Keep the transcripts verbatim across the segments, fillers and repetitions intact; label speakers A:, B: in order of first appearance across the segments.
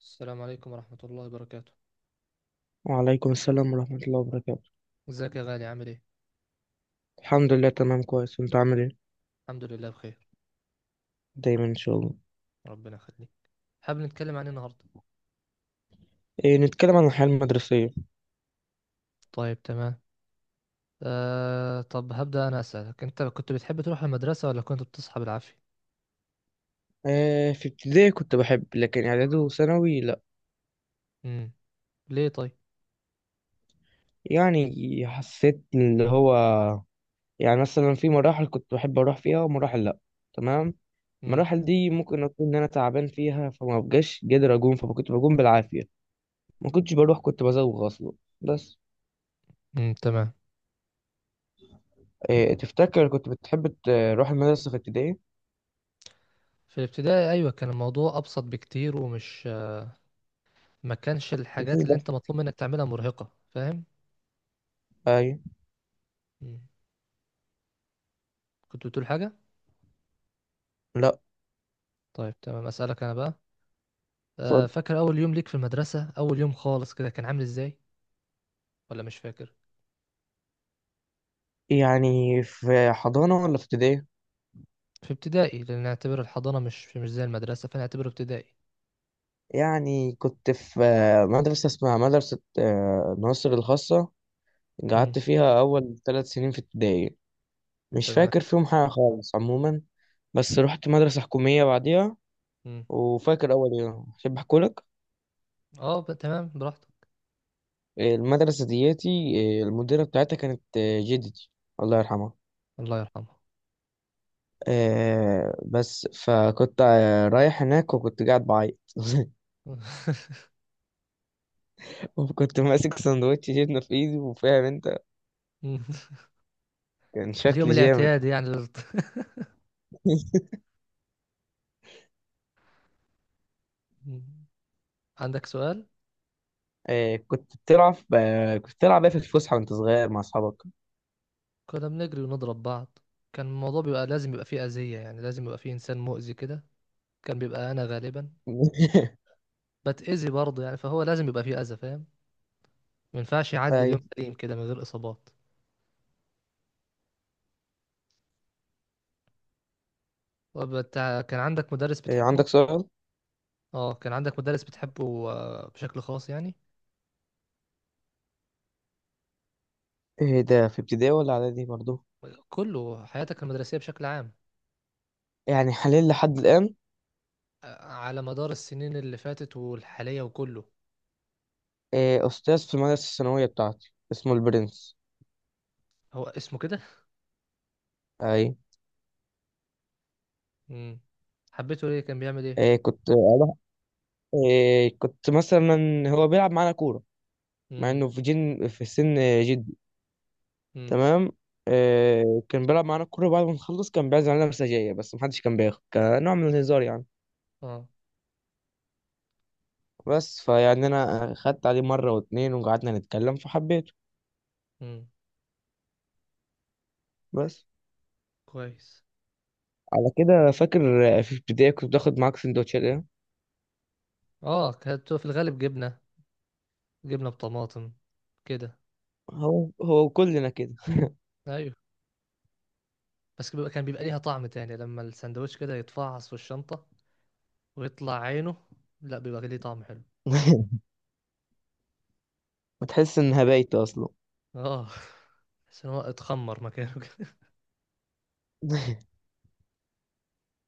A: السلام عليكم ورحمة الله وبركاته.
B: وعليكم السلام ورحمة الله وبركاته.
A: ازيك يا غالي عامل ايه؟
B: الحمد لله، تمام، كويس. انت عامل ايه؟
A: الحمد لله بخير.
B: دايما ان شاء الله.
A: ربنا يخليك. حابب نتكلم عن ايه النهاردة؟
B: إيه، نتكلم عن الحياة المدرسية.
A: طيب تمام. آه طب هبدأ انا أسألك انت كنت بتحب تروح المدرسة ولا كنت بتصحى بالعافية؟
B: إيه، في ابتدائي كنت بحب، لكن اعدادي وثانوي لا.
A: امم. ليه طيب؟
B: يعني حسيت اللي هو يعني مثلا في مراحل كنت بحب اروح فيها ومراحل لا. تمام.
A: امم.
B: المراحل دي ممكن اكون ان انا تعبان فيها، فما بقاش قادر اقوم، فكنت بقوم بالعافية. ما كنتش بروح، كنت بزوغ اصلا. بس.
A: امم تمام.
B: إيه، تفتكر كنت بتحب تروح المدرسة في ابتدائي؟
A: في الابتدائي ايوه كان الموضوع ابسط بكتير ومش ما كانش الحاجات
B: مفيش
A: اللي
B: ضغط.
A: انت مطلوب منك تعملها مرهقة فاهم؟
B: ايوه.
A: امم. كنت بتقول حاجة؟
B: لا.
A: طيب تمام أسألك انا بقى. آه
B: اتفضل.
A: فاكر اول يوم ليك في المدرسة اول يوم خالص كده كان عامل ازاي ولا مش فاكر؟
B: يعني في حضانة ولا في ابتدائي؟
A: في ابتدائي لان نعتبر الحضانه مش مش زي المدرسه فنعتبره ابتدائي.
B: يعني كنت في آه، مدرسة اسمها مدرسة آه، ناصر الخاصة.
A: امم
B: قعدت فيها أول ثلاث سنين في ابتدائي. مش
A: تمام.
B: فاكر فيهم حاجة خالص عموما. بس رحت مدرسة حكومية بعديها.
A: امم.
B: وفاكر أول يوم، أحب أحكولك.
A: اه ب- تمام براحتك.
B: آه، المدرسة دياتي، آه، المديرة بتاعتها كانت آه، جدتي، الله يرحمها.
A: الله يرحمه.
B: آه، بس فكنت آه، رايح هناك وكنت قاعد بعيط وكنت ماسك سندوتش جبنة في إيدي، وفاهم أنت،
A: مم.
B: كان
A: اليوم
B: شكلي جامد.
A: الاعتيادي يعني للط- مم. عندك سؤال.
B: آه، كنت بتلعب آه، كنت بتلعب ايه في الفسحة وانت صغير مع اصحابك؟
A: كنا بنجري ونضرب بعض. كان الموضوع بيبقى لازم يبقى فيه اذيه يعني لازم يبقى فيه انسان مؤذي كده. كان بيبقى انا غالبا. بتاذي برضه يعني فهو لازم يبقى فيه اذى فاهم. ما ينفعش يعدي اليوم
B: ايوه.
A: سليم كده من غير اصابات. وبتاع- كان عندك مدرس
B: آه،
A: بتحبه.
B: عندك سؤال؟
A: اه كان عندك مدرس بتحبه آه، بشكل خاص يعني.
B: ايه ده، في ابتدائي ولا اعدادي برضو؟
A: كله حياتك المدرسية بشكل عام.
B: يعني حاليا لحد الان.
A: آه، على مدار السنين اللي فاتت والحالية وكله.
B: آه، استاذ في المدرسة الثانوية بتاعتي اسمه البرنس.
A: هو اسمه كده.
B: اي.
A: امم. حبيته ليه كان بيعمل ايه.
B: آه، كنت اروح آه، كنت مثلا هو بيلعب معانا كورة، مع
A: امم.
B: انه في جن في سن جدي.
A: امم.
B: تمام. آه، كان بيلعب معانا كورة، بعد ما نخلص كان بيعزم علينا مساجية، بس محدش كان بياخد، كنوع من الهزار يعني.
A: اه.
B: بس فيعني انا خدت عليه مره واتنين وقعدنا نتكلم فحبيته.
A: امم.
B: بس.
A: كويس.
B: على كده فاكر؟ في ابتدائي كنت باخد معاك سندوتشات ايه؟
A: اه كانت في الغالب جبنة. جبنة بطماطم. كده.
B: هو هو كلنا كده.
A: ايوه. بس بيبقى كان بيبقى ليها طعم تاني لما السندوتش كده يتفعص في الشنطة ويطلع عينه. لا بيبقى ليه طعم حلو.
B: وتحس ان هبايت اصلا.
A: اه. بس إن هو اتخمر مكانه.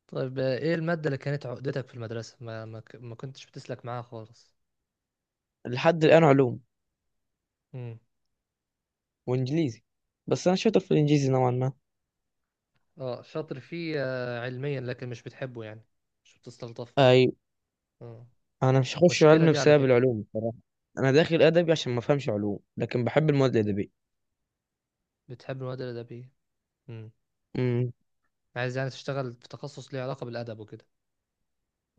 A: طيب آه، ايه المادة اللي كانت عقدتك في المدرسة ما ما, ك- ما كنتش بتسلك معاها خالص.
B: لحد الان علوم
A: امم.
B: وانجليزي، بس انا شاطر في الانجليزي نوعا ما.
A: اه شاطر فيه آه، علميا لكن مش بتحبه يعني. مش بتستلطفه.
B: اي.
A: اه.
B: انا مش هخش
A: المشكلة
B: علم
A: دي على
B: بسبب
A: فكرة.
B: العلوم بصراحه. انا داخل ادبي عشان ما افهمش علوم، لكن بحب المواد الادبيه.
A: بتحب المواد الأدبية. امم.
B: امم.
A: عايز يعني تشتغل في تخصص ليه علاقة بالأدب وكده.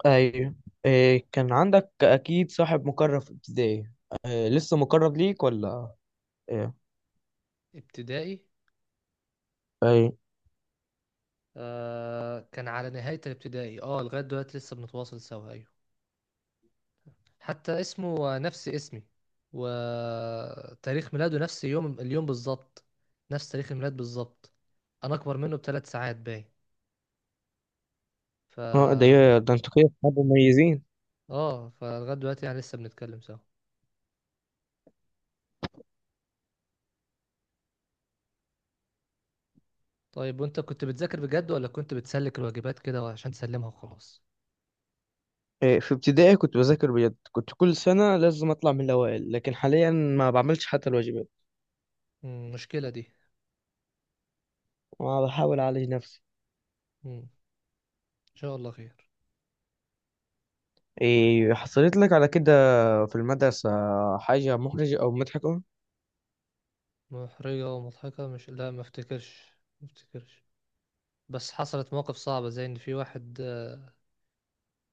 B: ايوه. إيه، كان عندك اكيد صاحب مقرب في ابتدائي؟ إيه، لسه مقرب ليك ولا؟ إيه؟
A: ابتدائي.
B: اي.
A: آه كان على نهاية الابتدائي اه لغاية دلوقتي لسه بنتواصل سوا أيوة. حتى اسمه نفس اسمي. وتاريخ ميلاده نفس يوم اليوم بالظبط. نفس تاريخ الميلاد بالظبط. انا اكبر منه بثلاث ساعات باين. ف
B: اه، ده يا- ده انتوا كده اصحاب مميزين.
A: اه فلغايه دلوقتي يعني لسه بنتكلم سوا. طيب وانت كنت بتذاكر بجد ولا كنت بتسلك الواجبات كده عشان تسلمها وخلاص.
B: إيه، في ابتدائي كنت بذاكر بجد، كنت كل سنة لازم اطلع من الاوائل، لكن حاليا ما بعملش حتى الواجبات.
A: مم، مشكله دي.
B: ما بحاول اعالج نفسي.
A: مم، ان شاء الله خير.
B: إيه حصلت لك على كده في المدرسة حاجة محرجة او مضحكة؟
A: محرجه ومضحكه مش لا ما افتكرش. ما افتكرش. بس حصلت مواقف صعبه زي ان في واحد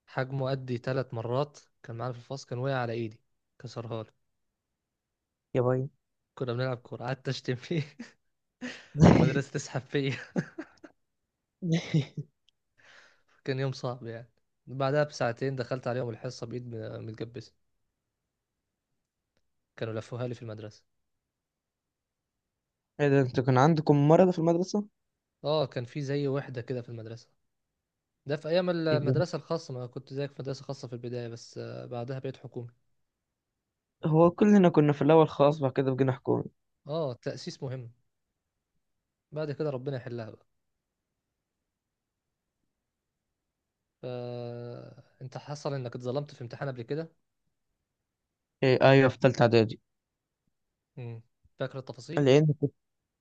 A: حجمه قدي ثلاث مرات كان معانا في الفصل كان وقع على ايدي. كسرها لي.
B: يا باي.
A: كنا بنلعب كورة قعدت اشتم فيه. المدرسة تسحب فيا. كان يوم صعب يعني. بعدها بساعتين دخلت عليهم الحصة بإيد م- متجبسة. كانوا لفوها لي في المدرسة.
B: ايه ده، انتوا كان عندكم مرض في المدرسة؟
A: اه كان في زي وحدة كده في المدرسة. ده في أيام
B: يبقى
A: المدرسة الخاصة ما كنت زيك في مدرسة خاصة في البداية بس آه، بعدها بقيت حكومي.
B: هو كلنا كنا في الاول خاص، بعد كده بقينا حكومي.
A: اه التأسيس مهم. بعد كده ربنا يحلها بقى. ف... انت حصل انك اتظلمت في امتحان قبل كده.
B: إيه، ايوه، في تالتة اعدادي.
A: مم. فاكر التفاصيل.
B: لان كنت،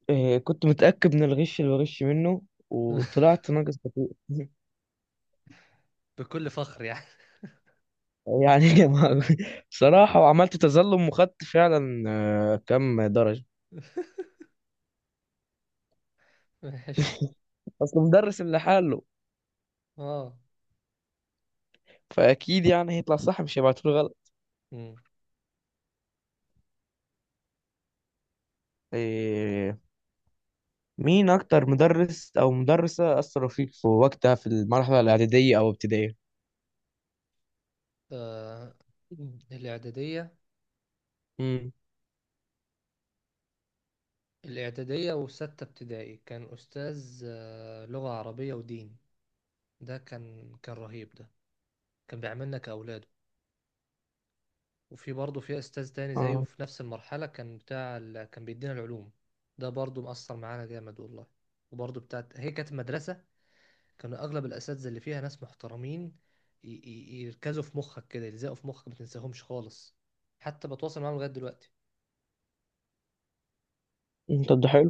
B: إيه، كنت متأكد من الغش اللي بغش منه، وطلعت ناقص كتير.
A: بكل فخر يعني.
B: يعني ما- بصراحة، وعملت تظلم وخدت فعلا آه، كم درجة.
A: ماشي.
B: أصل مدرس اللي حاله،
A: اه.
B: فأكيد يعني هيطلع صح، مش هيبعتوله غلط.
A: مم.
B: إيه، مين أكتر مدرس أو مدرسة أثروا فيك في وقتها في المرحلة الإعدادية أو ابتدائية؟
A: آه، الإعدادية.
B: امم.
A: الإعدادية وستة ابتدائي كان أستاذ آه، لغة عربية ودين. ده كان كان رهيب ده. كان بيعاملنا كأولاده. وفي برضه في أستاذ تاني زيه
B: اه.
A: في نفس المرحلة كان بتاع ال... كان بيدينا العلوم. ده برضه مأثر معانا جامد والله. وبرضه بتاعت هي كانت مدرسة. كانوا أغلب الأساتذة اللي فيها ناس محترمين. ي... ي... يركزوا في مخك كده يلزقوا في مخك ما تنساهمش خالص. حتى بتواصل معاهم لغاية دلوقتي.
B: أنت ده حلو.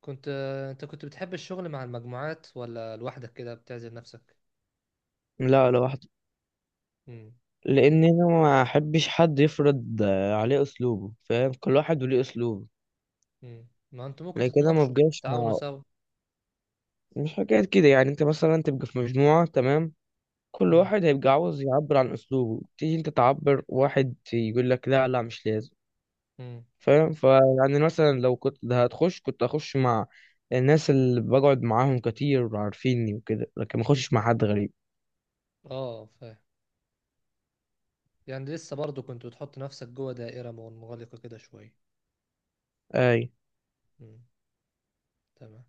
A: كنت آه، انت كنت بتحب الشغل مع المجموعات ولا لوحدك كده بتعزل نفسك.
B: لا، لوحده.
A: امم.
B: لأن أنا ما أحبش حد يفرض آه، عليه أسلوبه، فاهم؟ كل واحد وليه أسلوبه.
A: امم ما انتوا ممكن
B: لكن كده ما
A: تتناقشوا
B: بقاش
A: تتعاونوا
B: مع،
A: سوا.
B: مش حكاية كده. يعني أنت مثلا تبقى في مجموعة، تمام، كل
A: امم.
B: واحد هيبقى عاوز يعبر عن اسلوبه، تيجي انت تعبر، واحد يقول لك لا لا مش لازم.
A: امم.
B: فاهم؟ فيعني مثلا لو كنت ده هتخش، كنت هخش مع الناس اللي بقعد معاهم كتير وعارفيني وكده، لكن ما اخشش مع حد غريب.
A: اه فاهم. يعني لسه برضو كنت بتحط نفسك جوه دائرة منغلقة كده شوية.
B: اي.
A: امم. تمام.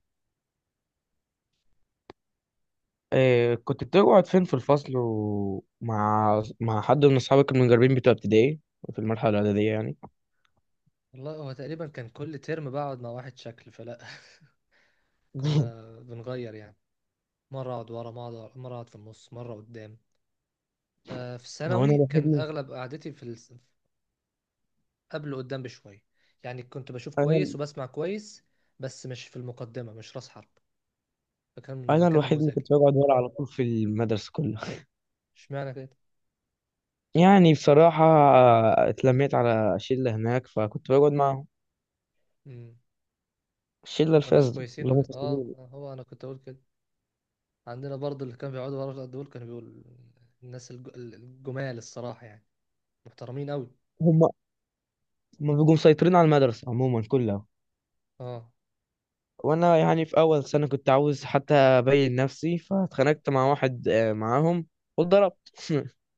B: آه، كنت بتقعد فين في الفصل؟ ومع مع حد من اصحابك المجربين بتوع ابتدائي؟ في المرحله الاعداديه يعني.
A: والله هو تقريبا كان كل ترم بقعد مع واحد شكل فلا. كنا بنغير يعني. مرة اقعد ورا مرة اقعد مرة أقعد في النص مرة قدام. آه في
B: هو انا
A: الثانوي
B: الوحيد
A: كان
B: اللي-
A: اغلب قعدتي في ال- قبله قدام بشوية. يعني كنت بشوف
B: انا
A: كويس وبسمع كويس. بس مش في المقدمة مش راس حرب. فكان
B: انا
A: مكان
B: الوحيد اللي
A: نموذجي.
B: كنت بقعد ورا على طول في المدرسه كلها.
A: اشمعنى كده.
B: يعني بصراحة، آه، اتلميت على شلة هناك فكنت بقعد معاهم.
A: امم.
B: الشلة
A: كانوا ناس
B: الفاسدة،
A: كويسين
B: اللي هم
A: ولا اه.
B: فاسدين.
A: هو انا كنت اقول كده. عندنا برضه اللي كانوا بيقعدوا ورا دول كانوا بيقول الناس الج- الجمال الصراحة يعني. محترمين قوي.
B: هم هم بيبقوا مسيطرين على المدرسة عموما كلها.
A: اه.
B: وأنا يعني في أول سنة كنت عاوز حتى أبين نفسي، فاتخانقت مع واحد آه، معاهم، واتضربت.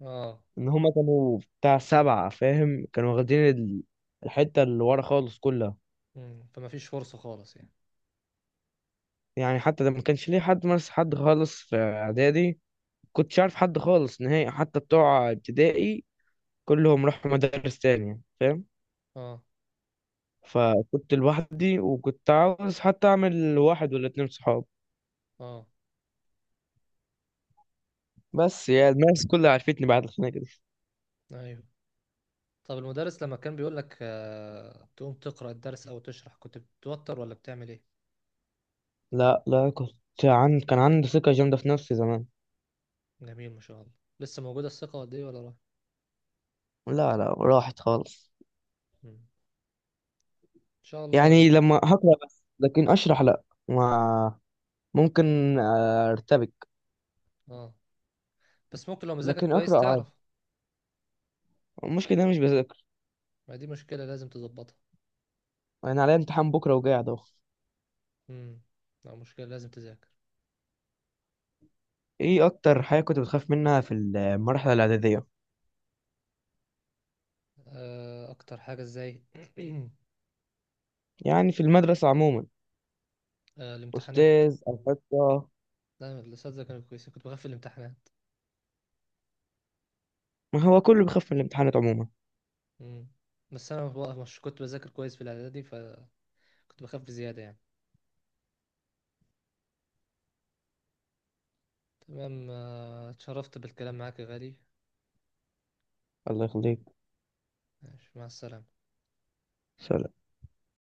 A: اه.
B: إن هم كانوا بتاع سبعة، فاهم؟ كانوا واخدين ال- الحتة اللي ورا خالص كلها.
A: امم. فما فيش فرصة خالص يعني.
B: يعني حتى ده ما كانش ليه حد، مارس حد خالص في إعدادي. كنتش عارف حد خالص نهائي، حتى بتوع ابتدائي كلهم راحوا مدارس تانية، فاهم؟
A: اه.
B: فكنت لوحدي، وكنت عاوز حتى اعمل واحد ولا اتنين صحاب.
A: اه.
B: بس يا الناس كلها عرفتني بعد الخناقة دي.
A: ايوه. طب المدرس لما كان بيقول لك آه تقوم تقرأ الدرس او تشرح كنت بتتوتر ولا بتعمل ايه.
B: لا لا، كنت، عن... كان عندي ثقة جامدة في نفسي زمان.
A: جميل ما شاء الله. لسه موجودة الثقة قد ايه ولا راح.
B: لا لا، راحت خالص.
A: مم. ان شاء الله
B: يعني
A: يض...
B: لما هقرأ بس، لكن أشرح لا، ما، ممكن آه، أرتبك.
A: اه. بس ممكن لو مذاكر
B: لكن
A: كويس
B: أقرأ عادي.
A: تعرف.
B: المشكلة إن أنا مش بذاكر.
A: ما دي مشكلة لازم تظبطها.
B: أنا عليا امتحان بكرة وقاعد أهو.
A: امم. لا مشكلة لازم تذاكر.
B: إيه، أكتر حاجة كنت بتخاف منها في المرحلة الإعدادية؟
A: آه اكتر حاجة ازاي
B: يعني في المدرسة عموما.
A: آه الامتحانات.
B: أستاذ، أنشطة.
A: لا الاساتذة كانوا كويسين كنت بخاف في الامتحانات.
B: ما هو كله بيخاف من الامتحانات عموما.
A: امم. بس انا بقى مش كنت بذاكر كويس في الاعدادي فكنت بخاف زيادة يعني. تمام آه، اتشرفت بالكلام معاك يا غالي.
B: الله يخليك.
A: ماشي، مع السلامة.
B: سلام.